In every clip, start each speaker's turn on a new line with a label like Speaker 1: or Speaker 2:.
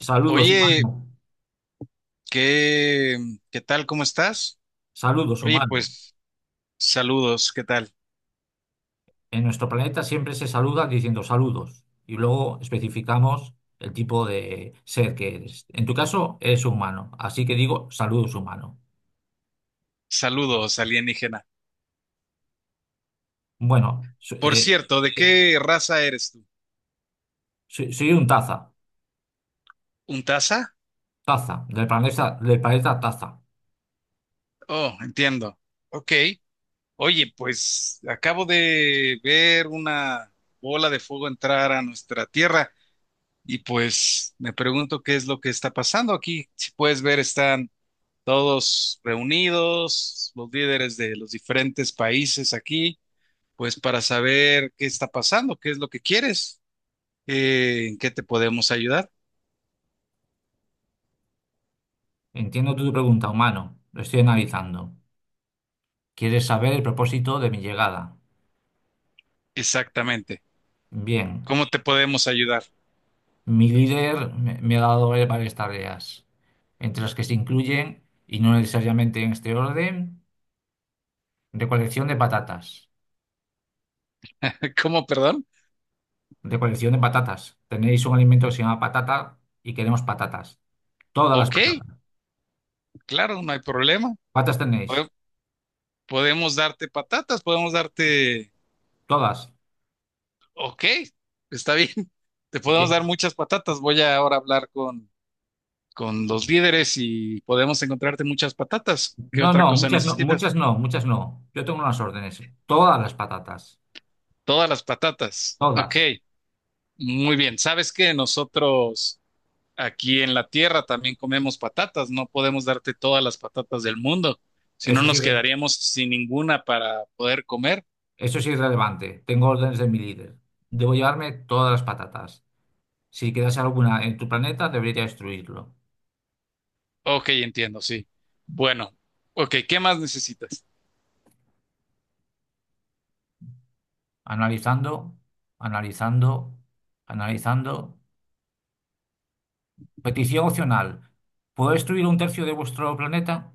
Speaker 1: Saludos,
Speaker 2: Oye,
Speaker 1: humano.
Speaker 2: ¿qué, qué tal? ¿Cómo estás?
Speaker 1: Saludos,
Speaker 2: Oye,
Speaker 1: humano.
Speaker 2: pues saludos, ¿qué tal?
Speaker 1: En nuestro planeta siempre se saluda diciendo saludos y luego especificamos el tipo de ser que eres. En tu caso, eres humano, así que digo saludos, humano.
Speaker 2: Saludos, alienígena.
Speaker 1: Bueno,
Speaker 2: Por cierto, ¿de
Speaker 1: eh,
Speaker 2: qué raza eres tú?
Speaker 1: soy un taza,
Speaker 2: ¿Un taza?
Speaker 1: taza, del planeta taza.
Speaker 2: Oh, entiendo. Ok. Oye, pues acabo de ver una bola de fuego entrar a nuestra tierra y pues me pregunto qué es lo que está pasando aquí. Si puedes ver, están todos reunidos, los líderes de los diferentes países aquí. Pues para saber qué está pasando, qué es lo que quieres, en qué te podemos ayudar.
Speaker 1: Entiendo tu pregunta, humano. Lo estoy analizando. ¿Quieres saber el propósito de mi llegada?
Speaker 2: Exactamente.
Speaker 1: Bien.
Speaker 2: ¿Cómo te podemos ayudar?
Speaker 1: Mi líder me ha dado varias tareas, entre las que se incluyen, y no necesariamente en este orden, recolección de patatas.
Speaker 2: ¿Cómo, perdón?
Speaker 1: Recolección de patatas. Tenéis un alimento que se llama patata y queremos patatas. Todas las
Speaker 2: Ok,
Speaker 1: patatas.
Speaker 2: claro, no hay problema.
Speaker 1: ¿Patas tenéis?
Speaker 2: Pode- Podemos darte patatas, podemos darte...
Speaker 1: Todas.
Speaker 2: Ok, está bien. Te podemos
Speaker 1: Bien.
Speaker 2: dar muchas patatas. Voy a ahora hablar con los líderes y podemos encontrarte muchas patatas. ¿Qué
Speaker 1: No,
Speaker 2: otra
Speaker 1: no,
Speaker 2: cosa
Speaker 1: muchas no,
Speaker 2: necesitas?
Speaker 1: muchas no, muchas no. Yo tengo unas órdenes. Todas las patatas.
Speaker 2: Todas las patatas. Ok,
Speaker 1: Todas.
Speaker 2: muy bien. ¿Sabes qué? Nosotros... Aquí en la tierra también comemos patatas, no podemos darte todas las patatas del mundo, si no
Speaker 1: Eso es
Speaker 2: nos
Speaker 1: irre-
Speaker 2: quedaríamos sin ninguna para poder comer.
Speaker 1: Eso es irrelevante. Tengo órdenes de mi líder. Debo llevarme todas las patatas. Si quedase alguna en tu planeta, debería destruirlo.
Speaker 2: Ok, entiendo, sí. Bueno, ok, ¿qué más necesitas?
Speaker 1: Analizando, analizando, analizando. Petición opcional. ¿Puedo destruir un tercio de vuestro planeta?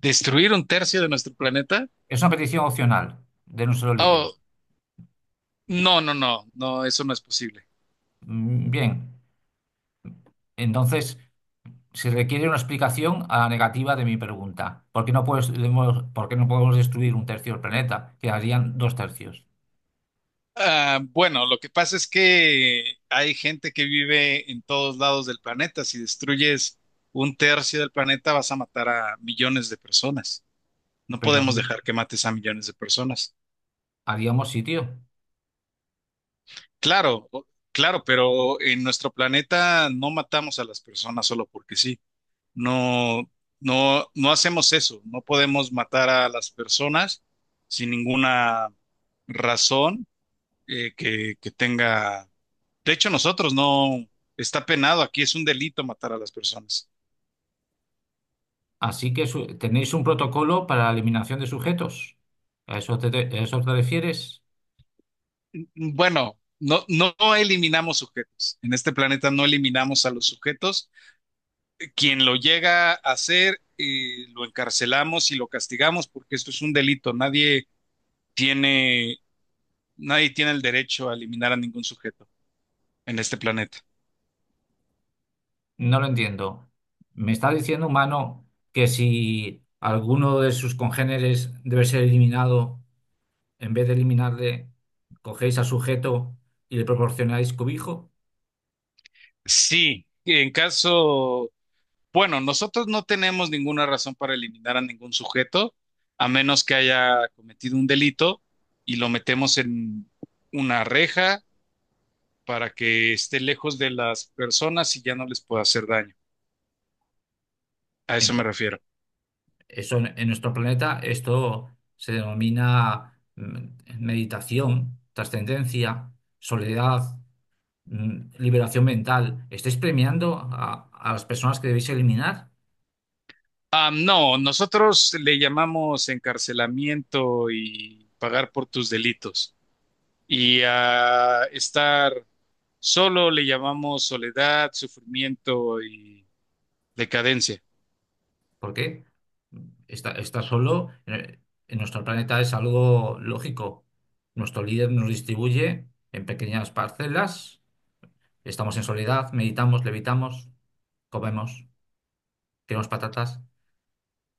Speaker 2: ¿Destruir un tercio de nuestro planeta?
Speaker 1: Es una petición opcional de nuestro líder.
Speaker 2: Oh, no, no, no, no, eso no es posible.
Speaker 1: Mm, bien, entonces se requiere una explicación a la negativa de mi pregunta. Por qué no podemos destruir un tercio del planeta? Quedarían dos tercios.
Speaker 2: Ah, bueno, lo que pasa es que hay gente que vive en todos lados del planeta. Si destruyes un tercio del planeta, vas a matar a millones de personas. No
Speaker 1: Pero
Speaker 2: podemos dejar que mates a millones de personas.
Speaker 1: haríamos sitio.
Speaker 2: Claro, claro, pero en nuestro planeta no matamos a las personas solo porque sí. No, no, no hacemos eso. No podemos matar a las personas sin ninguna razón que tenga. De hecho, nosotros no está penado aquí, es un delito matar a las personas.
Speaker 1: Así que tenéis un protocolo para la eliminación de sujetos. A eso te refieres?
Speaker 2: Bueno, no, no eliminamos sujetos. En este planeta no eliminamos a los sujetos. Quien lo llega a hacer, lo encarcelamos y lo castigamos porque esto es un delito. Tiene, nadie tiene el derecho a eliminar a ningún sujeto en este planeta.
Speaker 1: No lo entiendo. ¿Me está diciendo, humano, que si alguno de sus congéneres debe ser eliminado, en vez de eliminarle, cogéis al sujeto y le proporcionáis cobijo?
Speaker 2: Sí, en caso, bueno, nosotros no tenemos ninguna razón para eliminar a ningún sujeto, a menos que haya cometido un delito y lo metemos en una reja para que esté lejos de las personas y ya no les pueda hacer daño. A
Speaker 1: En-
Speaker 2: eso me refiero.
Speaker 1: Eso en nuestro planeta, esto se denomina meditación, trascendencia, soledad. Liberación mental. ¿Estáis premiando a las personas que debéis eliminar?
Speaker 2: Ah, no, nosotros le llamamos encarcelamiento y pagar por tus delitos. Y a estar solo le llamamos soledad, sufrimiento y decadencia.
Speaker 1: ¿Por qué? Está solo en nuestro planeta es algo lógico. Nuestro líder nos distribuye en pequeñas parcelas. Estamos en soledad, meditamos, levitamos, comemos, queremos patatas.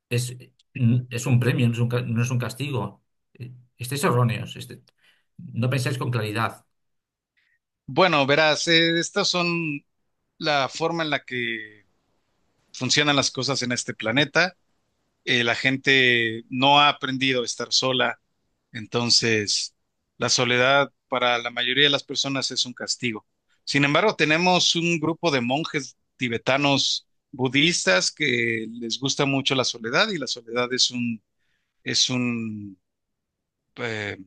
Speaker 1: Es, es un premio, no es no es un castigo. Estáis erróneos. No pensáis con claridad.
Speaker 2: Bueno, verás, estas son la forma en la que funcionan las cosas en este planeta. La gente no ha aprendido a estar sola. Entonces, la soledad para la mayoría de las personas es un castigo. Sin embargo, tenemos un grupo de monjes tibetanos budistas que les gusta mucho la soledad y la soledad es un eh,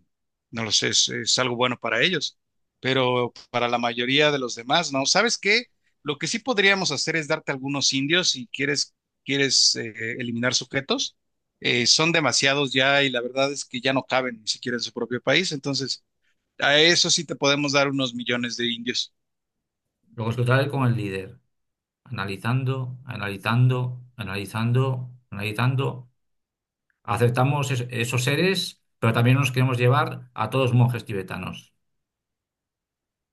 Speaker 2: no lo sé, es algo bueno para ellos, pero para la mayoría de los demás, ¿no? ¿Sabes qué? Lo que sí podríamos hacer es darte algunos indios si quieres, eliminar sujetos. Son demasiados ya y la verdad es que ya no caben ni siquiera en su propio país, entonces a eso sí te podemos dar unos millones de indios.
Speaker 1: Lo contrario con el líder. Analizando, analizando, analizando, analizando. Aceptamos esos seres, pero también nos queremos llevar a todos monjes tibetanos.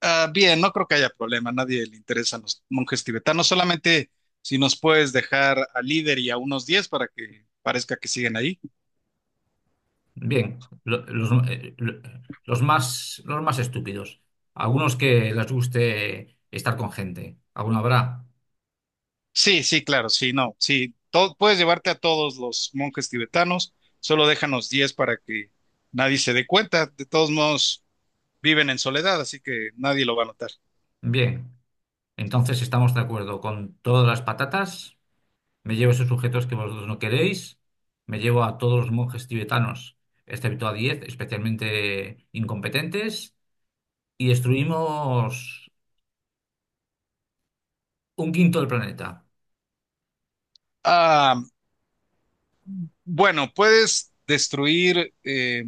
Speaker 2: Ah, bien, no creo que haya problema, a nadie le interesan los monjes tibetanos, solamente si nos puedes dejar al líder y a unos 10 para que parezca que siguen ahí.
Speaker 1: Bien, los más estúpidos. Algunos que les guste estar con gente. Alguno habrá.
Speaker 2: Sí, sí, claro, sí, no, sí, todo, puedes llevarte a todos los monjes tibetanos, solo déjanos 10 para que nadie se dé cuenta. De todos modos viven en soledad, así que nadie lo va a notar.
Speaker 1: Bien, entonces estamos de acuerdo con todas las patatas. Me llevo esos sujetos que vosotros no queréis. Me llevo a todos los monjes tibetanos, excepto a 10, especialmente incompetentes y destruimos un quinto del planeta,
Speaker 2: Ah, bueno, puedes destruir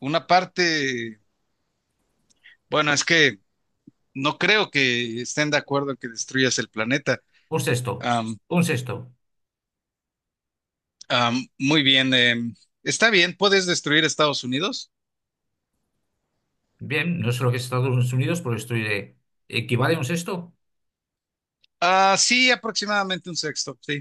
Speaker 2: una parte, bueno, es que no creo que estén de acuerdo en que destruyas el planeta.
Speaker 1: un sexto,
Speaker 2: Am,
Speaker 1: un sexto.
Speaker 2: Muy bien, está bien, puedes destruir Estados Unidos.
Speaker 1: Bien, no sé lo que es Estados Unidos, pero destruiré. ¿Equivale a un sexto?
Speaker 2: Ah, sí, aproximadamente un sexto, sí.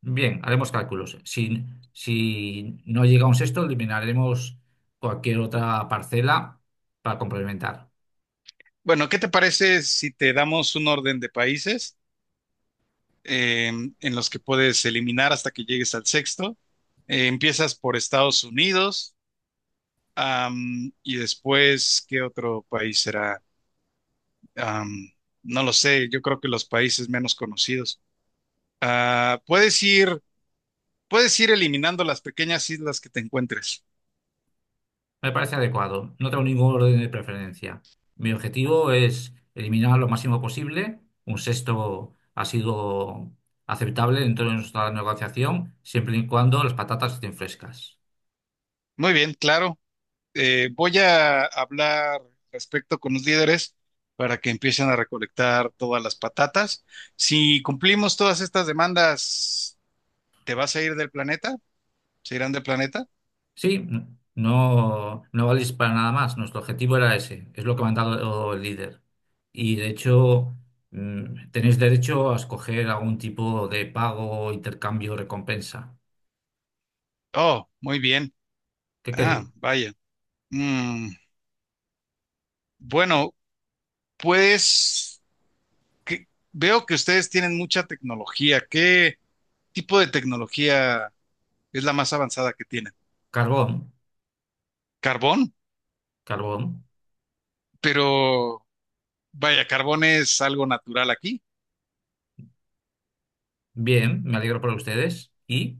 Speaker 1: Bien, haremos cálculos. Si, si no llega a un sexto, eliminaremos cualquier otra parcela para complementar.
Speaker 2: Bueno, ¿qué te parece si te damos un orden de países eh, en los que puedes eliminar hasta que llegues al sexto? Empiezas por Estados Unidos, y después, ¿qué otro país será? Am, no lo sé, yo creo que los países menos conocidos. Ah, puedes ir eliminando las pequeñas islas que te encuentres.
Speaker 1: Me parece adecuado. No tengo ningún orden de preferencia. Mi objetivo es eliminar lo máximo posible. Un sexto ha sido aceptable dentro de nuestra negociación, siempre y cuando las patatas estén frescas.
Speaker 2: Muy bien, claro. Voy a hablar respecto con los líderes para que empiecen a recolectar todas las patatas. Si cumplimos todas estas demandas, ¿te vas a ir del planeta? ¿Se irán del planeta?
Speaker 1: Sí, no valís para nada más. Nuestro objetivo era ese. Es lo que me ha dado el líder. Y de hecho, tenéis derecho a escoger algún tipo de pago, intercambio, recompensa.
Speaker 2: Oh, muy bien.
Speaker 1: ¿Qué
Speaker 2: Ah,
Speaker 1: queréis?
Speaker 2: vaya. Mm, bueno, pues veo que ustedes tienen mucha tecnología. ¿Qué tipo de tecnología es la más avanzada que tienen?
Speaker 1: Carbón.
Speaker 2: ¿Carbón?
Speaker 1: Carbón.
Speaker 2: Pero vaya, carbón es algo natural aquí.
Speaker 1: Bien, me alegro por ustedes. ¿Y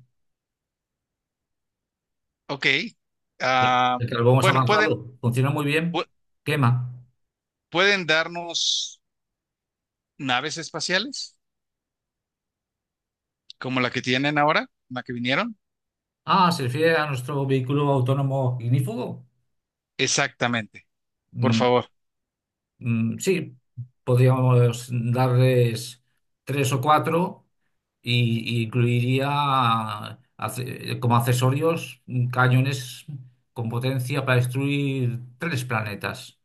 Speaker 2: Ok.
Speaker 1: el
Speaker 2: Ah,
Speaker 1: el carbón es
Speaker 2: bueno, digo,
Speaker 1: avanzado? Funciona muy bien.
Speaker 2: pu-
Speaker 1: Quema.
Speaker 2: pueden darnos naves espaciales como la que tienen ahora, la que vinieron.
Speaker 1: Ah, ¿se refiere a nuestro vehículo autónomo ignífugo?
Speaker 2: Exactamente, por
Speaker 1: Mm,
Speaker 2: favor.
Speaker 1: mm, sí, podríamos darles tres o cuatro y incluiría como accesorios cañones con potencia para destruir tres planetas.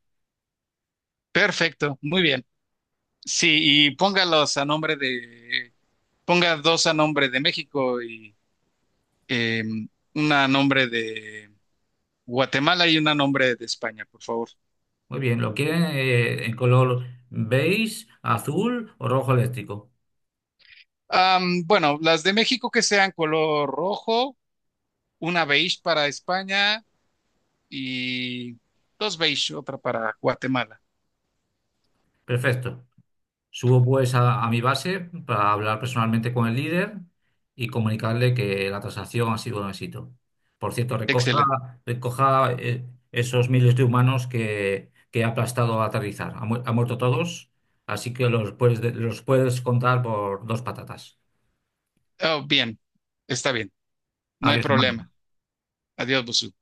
Speaker 2: Perfecto, muy bien. Sí, y póngalos a nombre de, ponga dos a nombre de México y eh, una a nombre de Guatemala y una a nombre de España, por favor.
Speaker 1: Muy bien, ¿lo quieren en color beige, azul o rojo eléctrico?
Speaker 2: Bueno, las de México que sean color rojo, una beige para España y dos beige, otra para Guatemala.
Speaker 1: Perfecto. Subo pues a mi base para hablar personalmente con el líder y comunicarle que la transacción ha sido un éxito. Por cierto, recoja,
Speaker 2: Excelente.
Speaker 1: recoja eh, esos miles de humanos que ha aplastado a aterrizar. Ha muerto todos, así que los puedes contar por dos patatas.
Speaker 2: Oh, bien, está bien, no hay
Speaker 1: Adiós, humanos.
Speaker 2: problema. Adiós, Busu.